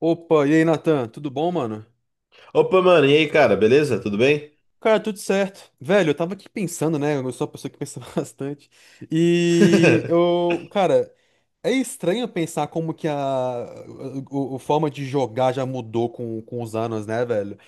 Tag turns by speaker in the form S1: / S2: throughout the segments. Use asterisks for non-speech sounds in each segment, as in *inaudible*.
S1: Opa, e aí, Natan? Tudo bom, mano?
S2: Opa, mano, e aí, cara, beleza? Tudo bem?
S1: Cara, tudo certo. Velho, eu tava aqui pensando, né? Eu sou uma pessoa que pensa *laughs* bastante. E
S2: *laughs*
S1: eu, cara, é estranho pensar como que a forma de jogar já mudou com os anos, né, velho?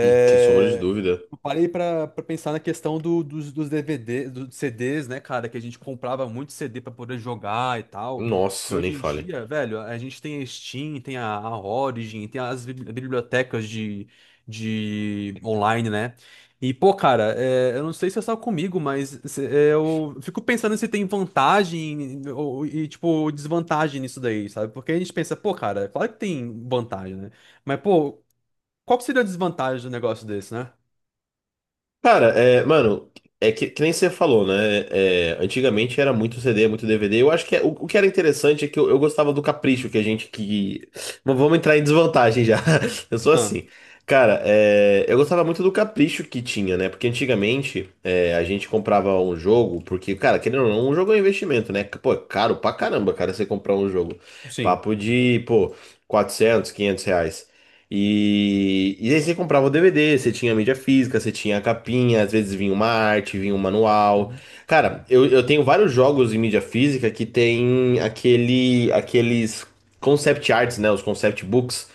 S2: Sem sombra de dúvida.
S1: eu parei pra pensar na questão dos DVD, dos CDs, né, cara? Que a gente comprava muito CD pra poder jogar e tal. E
S2: Nossa, nem
S1: hoje em
S2: fale.
S1: dia, velho, a gente tem a Steam, tem a Origin, tem as bibliotecas de online, né? E, pô, cara, é, eu não sei se é só comigo, mas é, eu fico pensando se tem vantagem ou, e, tipo, desvantagem nisso daí, sabe? Porque a gente pensa, pô, cara, claro que tem vantagem, né? Mas, pô, qual que seria a desvantagem do negócio desse, né?
S2: Cara, mano, é que nem você falou, né? Antigamente era muito CD, muito DVD. Eu acho que o que era interessante é que eu gostava do capricho que a gente que. Mas vamos entrar em desvantagem já. *laughs* Eu sou
S1: Ah,
S2: assim. Cara, eu gostava muito do capricho que tinha, né? Porque antigamente a gente comprava um jogo, porque, cara, querendo ou não, um jogo é um investimento, né? Pô, é caro pra caramba, cara, você comprar um jogo.
S1: sim.
S2: Papo de, pô, 400 500 reais. E aí você comprava o DVD, você tinha a mídia física, você tinha a capinha, às vezes vinha uma arte, vinha um manual.
S1: Uhum.
S2: Cara, eu tenho vários jogos em mídia física que tem aqueles concept arts, né? Os concept books.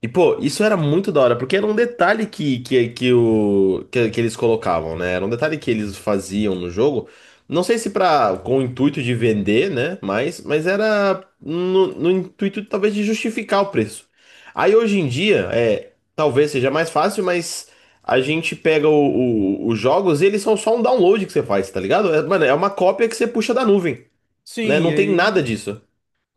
S2: E, pô, isso era muito da hora, porque era um detalhe que eles colocavam, né? Era um detalhe que eles faziam no jogo. Não sei se pra, com o intuito de vender, né? Mas era no intuito, talvez, de justificar o preço. Aí, hoje em dia, talvez seja mais fácil, mas a gente pega os jogos e eles são só um download que você faz, tá ligado? É, mano, é uma cópia que você puxa da nuvem, né?
S1: Sim, e
S2: Não tem nada
S1: aí.
S2: disso.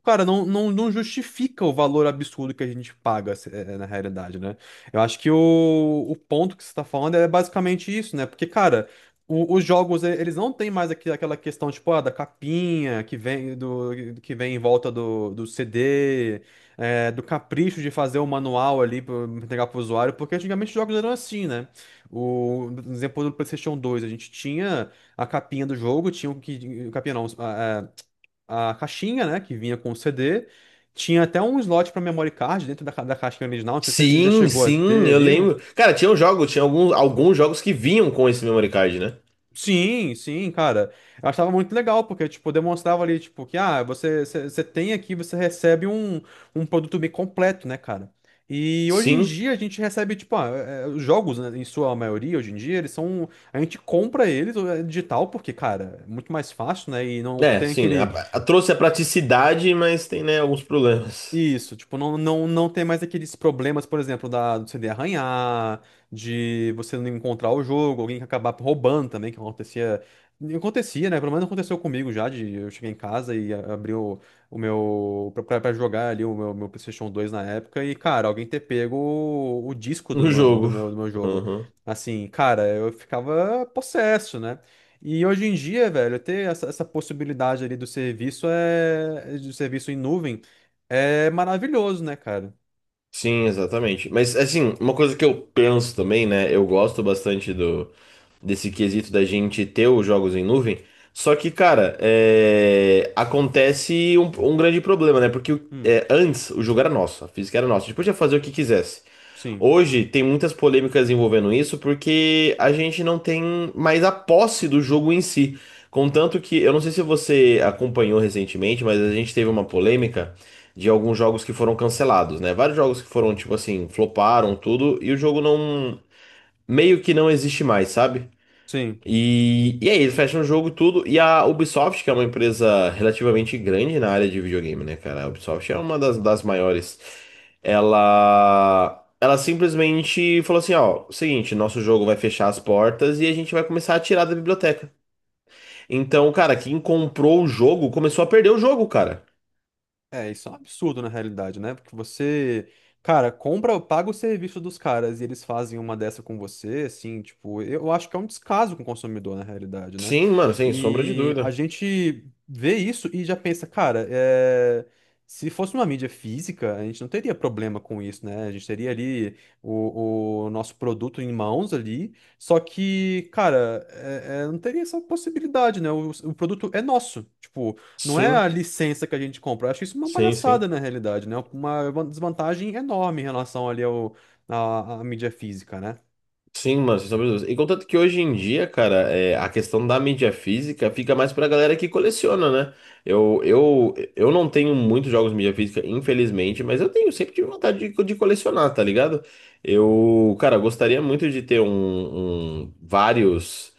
S1: Cara, não, não, não justifica o valor absurdo que a gente paga, é, na realidade, né? Eu acho que o ponto que você está falando é basicamente isso, né? Porque, cara, os jogos, eles não têm mais aquela questão, tipo, ah, da capinha que vem do que vem em volta do CD, do capricho de fazer o manual ali para entregar pro usuário, porque antigamente os jogos eram assim, né? O, no exemplo do PlayStation dois a gente tinha a capinha do jogo, tinha o que. Capinha não, a caixinha, né, que vinha com o CD. Tinha até um slot para memory card dentro da, da caixinha original. Não sei se você já
S2: Sim,
S1: chegou a
S2: sim,
S1: ter
S2: eu
S1: ali. Um-
S2: lembro. Cara, tinha um jogo, tinha alguns jogos que vinham com esse memory card, né?
S1: Sim, sim, cara. Eu achava muito legal, porque, tipo, demonstrava ali, tipo, que, ah, você você tem aqui, você recebe um, um produto bem completo, né, cara? E hoje em
S2: Sim,
S1: dia a gente recebe, tipo, ah, é, os jogos, né, em sua maioria, hoje em dia, eles são. A gente compra eles é, digital, porque, cara, é muito mais fácil, né? E não
S2: é,
S1: tem
S2: sim.
S1: aquele
S2: Trouxe a praticidade, mas tem, né, alguns problemas
S1: Isso, tipo, não, não, não tem mais aqueles problemas, por exemplo, da, do CD arranhar, de você não encontrar o jogo, alguém que acabar roubando também, que acontecia. Acontecia, né? Pelo menos aconteceu comigo já, de eu cheguei em casa e abri o meu. Pra jogar ali o meu, meu PlayStation dois na época, e, cara, alguém ter pego o
S2: *laughs*
S1: disco do
S2: no
S1: meu,
S2: jogo.
S1: do meu jogo. Assim, cara, eu ficava possesso, né? E hoje em dia, velho, ter essa, essa possibilidade ali do serviço é. Do serviço em nuvem. É maravilhoso, né, cara?
S2: Sim, exatamente. Mas assim, uma coisa que eu penso também, né? Eu gosto bastante do desse quesito da gente ter os jogos em nuvem. Só que, cara, acontece um grande problema, né? Porque
S1: Hum,
S2: antes o jogo era nosso, a física era nossa, a gente podia fazer o que quisesse.
S1: sim,
S2: Hoje tem muitas polêmicas envolvendo isso porque a gente não tem mais a posse do jogo em si. Contanto que, eu não sei se você acompanhou recentemente, mas a gente teve uma polêmica de alguns jogos que foram cancelados, né? Vários jogos que foram, tipo assim, floparam tudo e o jogo não, meio que não existe mais, sabe?
S1: sim.
S2: E aí, eles fecham o jogo e tudo. E a Ubisoft, que é uma empresa relativamente grande na área de videogame, né, cara? A Ubisoft é uma das maiores. Ela simplesmente falou assim: ó, seguinte, nosso jogo vai fechar as portas e a gente vai começar a tirar da biblioteca. Então, cara, quem comprou o jogo começou a perder o jogo, cara.
S1: É, isso é um absurdo na realidade, né? Porque você, cara, compra, paga o serviço dos caras e eles fazem uma dessa com você, assim, tipo, eu acho que é um descaso com o consumidor na realidade, né?
S2: Sim, mano, sem sombra de
S1: E a
S2: dúvida.
S1: gente vê isso e já pensa, cara, é, se fosse uma mídia física, a gente não teria problema com isso, né? A gente teria ali o nosso produto em mãos ali, só que, cara, é, não teria essa possibilidade, né? O produto é nosso, tipo. Não é a
S2: Sim.
S1: licença que a gente compra. Eu acho isso uma
S2: Sim,
S1: palhaçada
S2: sim.
S1: na realidade, né? Uma desvantagem enorme em relação ali ao, à mídia física, né?
S2: Sim, mano, sem sombra de dúvidas. E contanto que hoje em dia, cara, a questão da mídia física fica mais pra galera que coleciona, né? Eu não tenho muitos jogos de mídia física, infelizmente, mas eu tenho, sempre tive vontade de colecionar, tá ligado? Eu, cara, gostaria muito de ter vários,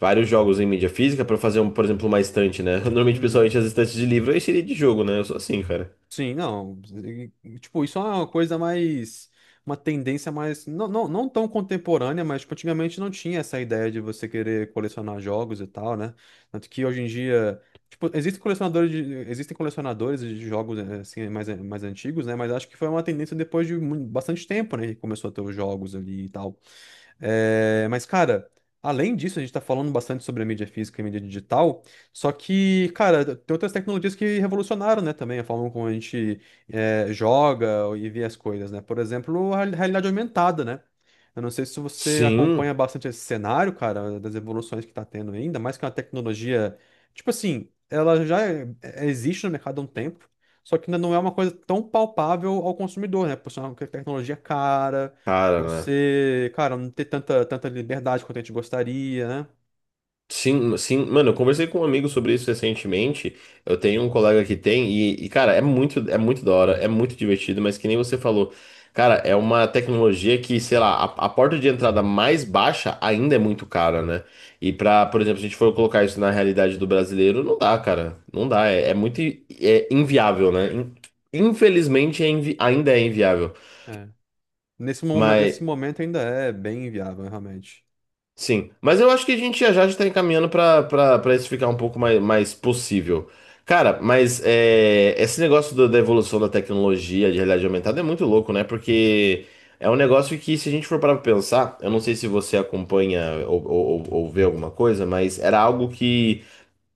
S2: vários jogos em mídia física pra fazer, um, por exemplo, uma estante, né? *laughs* Normalmente,
S1: Uhum.
S2: pessoalmente, as estantes de livro eu encheria de jogo, né? Eu sou assim, cara.
S1: Sim, não. Tipo, isso é uma coisa mais. Uma tendência mais. Não, não, não tão contemporânea, mas tipo, antigamente não tinha essa ideia de você querer colecionar jogos e tal, né? Tanto que hoje em dia. Tipo, existem colecionadores de jogos assim, mais, mais antigos, né? Mas acho que foi uma tendência depois de bastante tempo, né? Que começou a ter os jogos ali e tal. É, mas, cara, além disso, a gente tá falando bastante sobre a mídia física e a mídia digital, só que, cara, tem outras tecnologias que revolucionaram, né, também, a forma como a gente é, joga e vê as coisas, né? Por exemplo, a realidade aumentada, né? Eu não sei se você acompanha
S2: Sim,
S1: bastante esse cenário, cara, das evoluções que tá tendo ainda, mais que uma tecnologia, tipo assim, ela já existe no mercado há um tempo, só que ainda não é uma coisa tão palpável ao consumidor, né? Por ser uma tecnologia cara
S2: cara, né?
S1: você, cara, não ter tanta liberdade quanto a gente gostaria, né?
S2: Sim, sim, mano, eu conversei com um amigo sobre isso recentemente. Eu tenho um colega que tem, e, cara, é muito da hora, é muito divertido, mas que nem você falou, cara, é uma tecnologia que, sei lá, a porta de entrada mais baixa ainda é muito cara, né? E pra, por exemplo, se a gente for colocar isso na realidade do brasileiro, não dá, cara. Não dá, é muito é inviável, né? Infelizmente é ainda é inviável.
S1: É. Nesse
S2: Mas.
S1: momento ainda é bem inviável, realmente.
S2: Sim, mas eu acho que a gente já está encaminhando para isso ficar um pouco mais, mais possível. Cara, mas é, esse negócio da evolução da tecnologia de realidade aumentada é muito louco, né? Porque é um negócio que, se a gente for parar para pensar, eu não sei se você acompanha ou vê alguma coisa, mas era algo que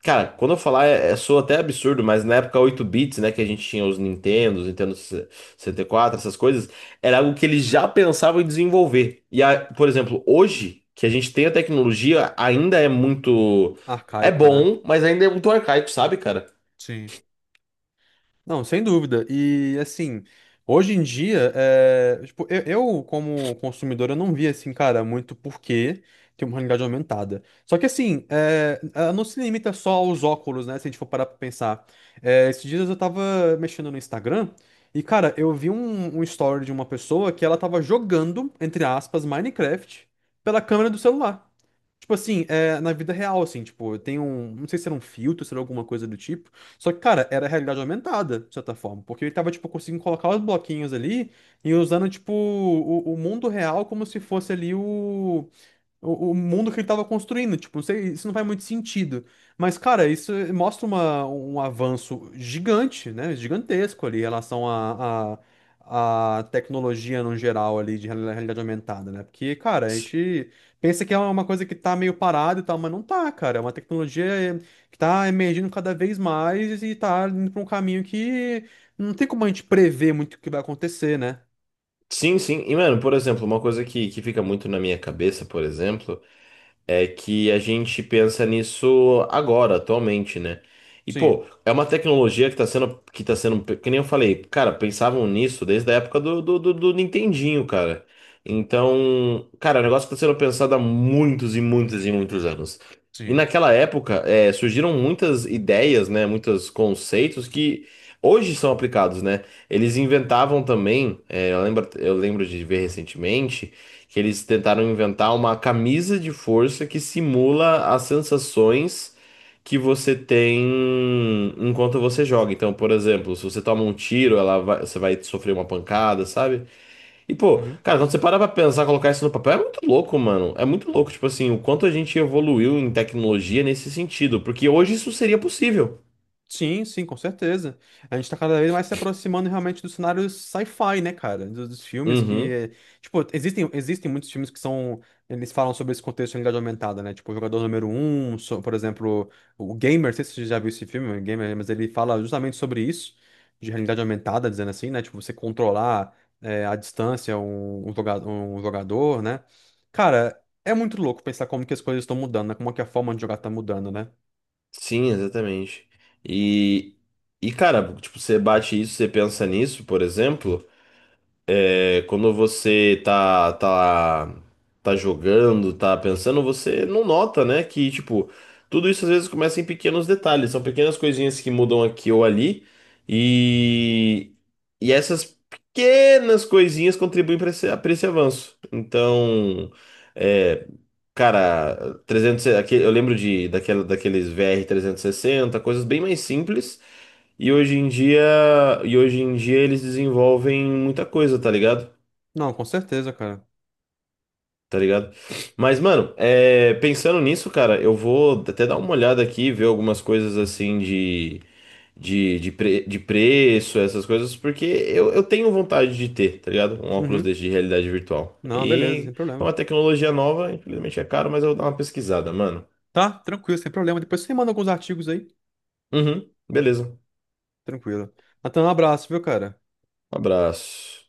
S2: cara, quando eu falar, soa até absurdo, mas na época 8 bits, né, que a gente tinha os
S1: Hum,
S2: Nintendos, Nintendo 64 essas coisas, era algo que eles já pensavam em desenvolver. A- por exemplo, hoje, que a gente tem a tecnologia, ainda é muito. É
S1: Arcaico, né?
S2: bom, mas ainda é muito arcaico, sabe, cara?
S1: Sim. Não, sem dúvida. E assim, hoje em dia, é, tipo, eu, como consumidor, eu não vi assim, cara, muito porquê ter uma realidade aumentada. Só que assim, é, ela não se limita só aos óculos, né? Se a gente for parar pra pensar. É, esses dias eu tava mexendo no Instagram e, cara, eu vi um story de uma pessoa que ela tava jogando, entre aspas, Minecraft pela câmera do celular. Tipo assim, é, na vida real, assim, tipo, tem um. Não sei se era um filtro, se era alguma coisa do tipo. Só que, cara, era realidade aumentada, de certa forma. Porque ele tava, tipo, conseguindo colocar os bloquinhos ali e usando, tipo, o mundo real como se fosse ali o. O mundo que ele tava construindo, tipo, não sei, isso não faz muito sentido. Mas, cara, isso mostra uma, um avanço gigante, né? Gigantesco ali em relação à tecnologia no geral ali de realidade aumentada, né? Porque, cara, a
S2: S-
S1: gente pensa que é uma coisa que tá meio parada e tal, mas não tá, cara. É uma tecnologia eh, que tá emergindo cada vez mais e tá indo pra um caminho que não tem como a gente prever muito o que vai acontecer, né?
S2: Sim, sim. E, mano, por exemplo, uma coisa que fica muito na minha cabeça, por exemplo. É que a gente pensa nisso agora, atualmente, né? E,
S1: Sim,
S2: pô, é uma tecnologia que tá sendo, que nem eu falei, cara, pensavam nisso desde a época do Nintendinho, cara. Então, cara, é um negócio que tá sendo pensado há muitos e muitos e muitos anos. E
S1: sim.
S2: naquela época, é, surgiram muitas ideias, né? Muitos conceitos que hoje são aplicados, né? Eles inventavam também, é, eu lembro de ver recentemente que eles tentaram inventar uma camisa de força que simula as sensações que você tem enquanto você joga. Então, por exemplo, se você toma um tiro, você vai sofrer uma pancada, sabe? E pô,
S1: Uhum.
S2: cara, quando você para pra pensar, colocar isso no papel, é muito louco, mano. É muito louco, tipo assim, o quanto a gente evoluiu em tecnologia nesse sentido, porque hoje isso seria possível.
S1: Sim, sim, com certeza. A gente tá cada vez mais se aproximando realmente do cenário sci-fi, né, cara? Dos filmes que,
S2: Uhum.
S1: tipo, existem muitos filmes que são, eles falam sobre esse contexto de realidade aumentada, né? Tipo, o Jogador Número um por exemplo, o Gamer, não sei se você já viu esse filme, o Gamer, mas ele fala justamente sobre isso, de realidade aumentada, dizendo assim, né? Tipo, você controlar, à distância um, um jogador, né? Cara, é muito louco pensar como que as coisas estão mudando, né? Como é que a forma de jogar tá mudando, né?
S2: Sim, exatamente. E e, cara, tipo, você bate isso, você pensa nisso, por exemplo, é, quando você tá jogando, tá pensando, você não nota, né? Que, tipo, tudo isso às vezes começa em pequenos detalhes, são pequenas coisinhas que mudam aqui ou ali, e, e essas pequenas coisinhas contribuem para pra esse avanço. Então, é, cara, eu lembro de, daquela, daqueles VR 60 coisas bem mais simples. E hoje em dia, e hoje em dia eles desenvolvem muita coisa, tá ligado?
S1: Não, com certeza, cara.
S2: Tá ligado? Mas, mano, é, pensando nisso, cara, eu vou até dar uma olhada aqui, ver algumas coisas assim de preço, essas coisas, porque eu tenho vontade de ter, tá ligado? Um óculos
S1: Uhum.
S2: desse de realidade virtual.
S1: Não, beleza,
S2: E
S1: sem
S2: é
S1: problema.
S2: uma tecnologia nova, infelizmente é caro, mas eu vou dar uma pesquisada, mano.
S1: Tá? Tranquilo, sem problema. Depois você manda alguns artigos aí.
S2: Uhum, beleza.
S1: Tranquilo. Natan, um abraço, viu, cara?
S2: Um abraço.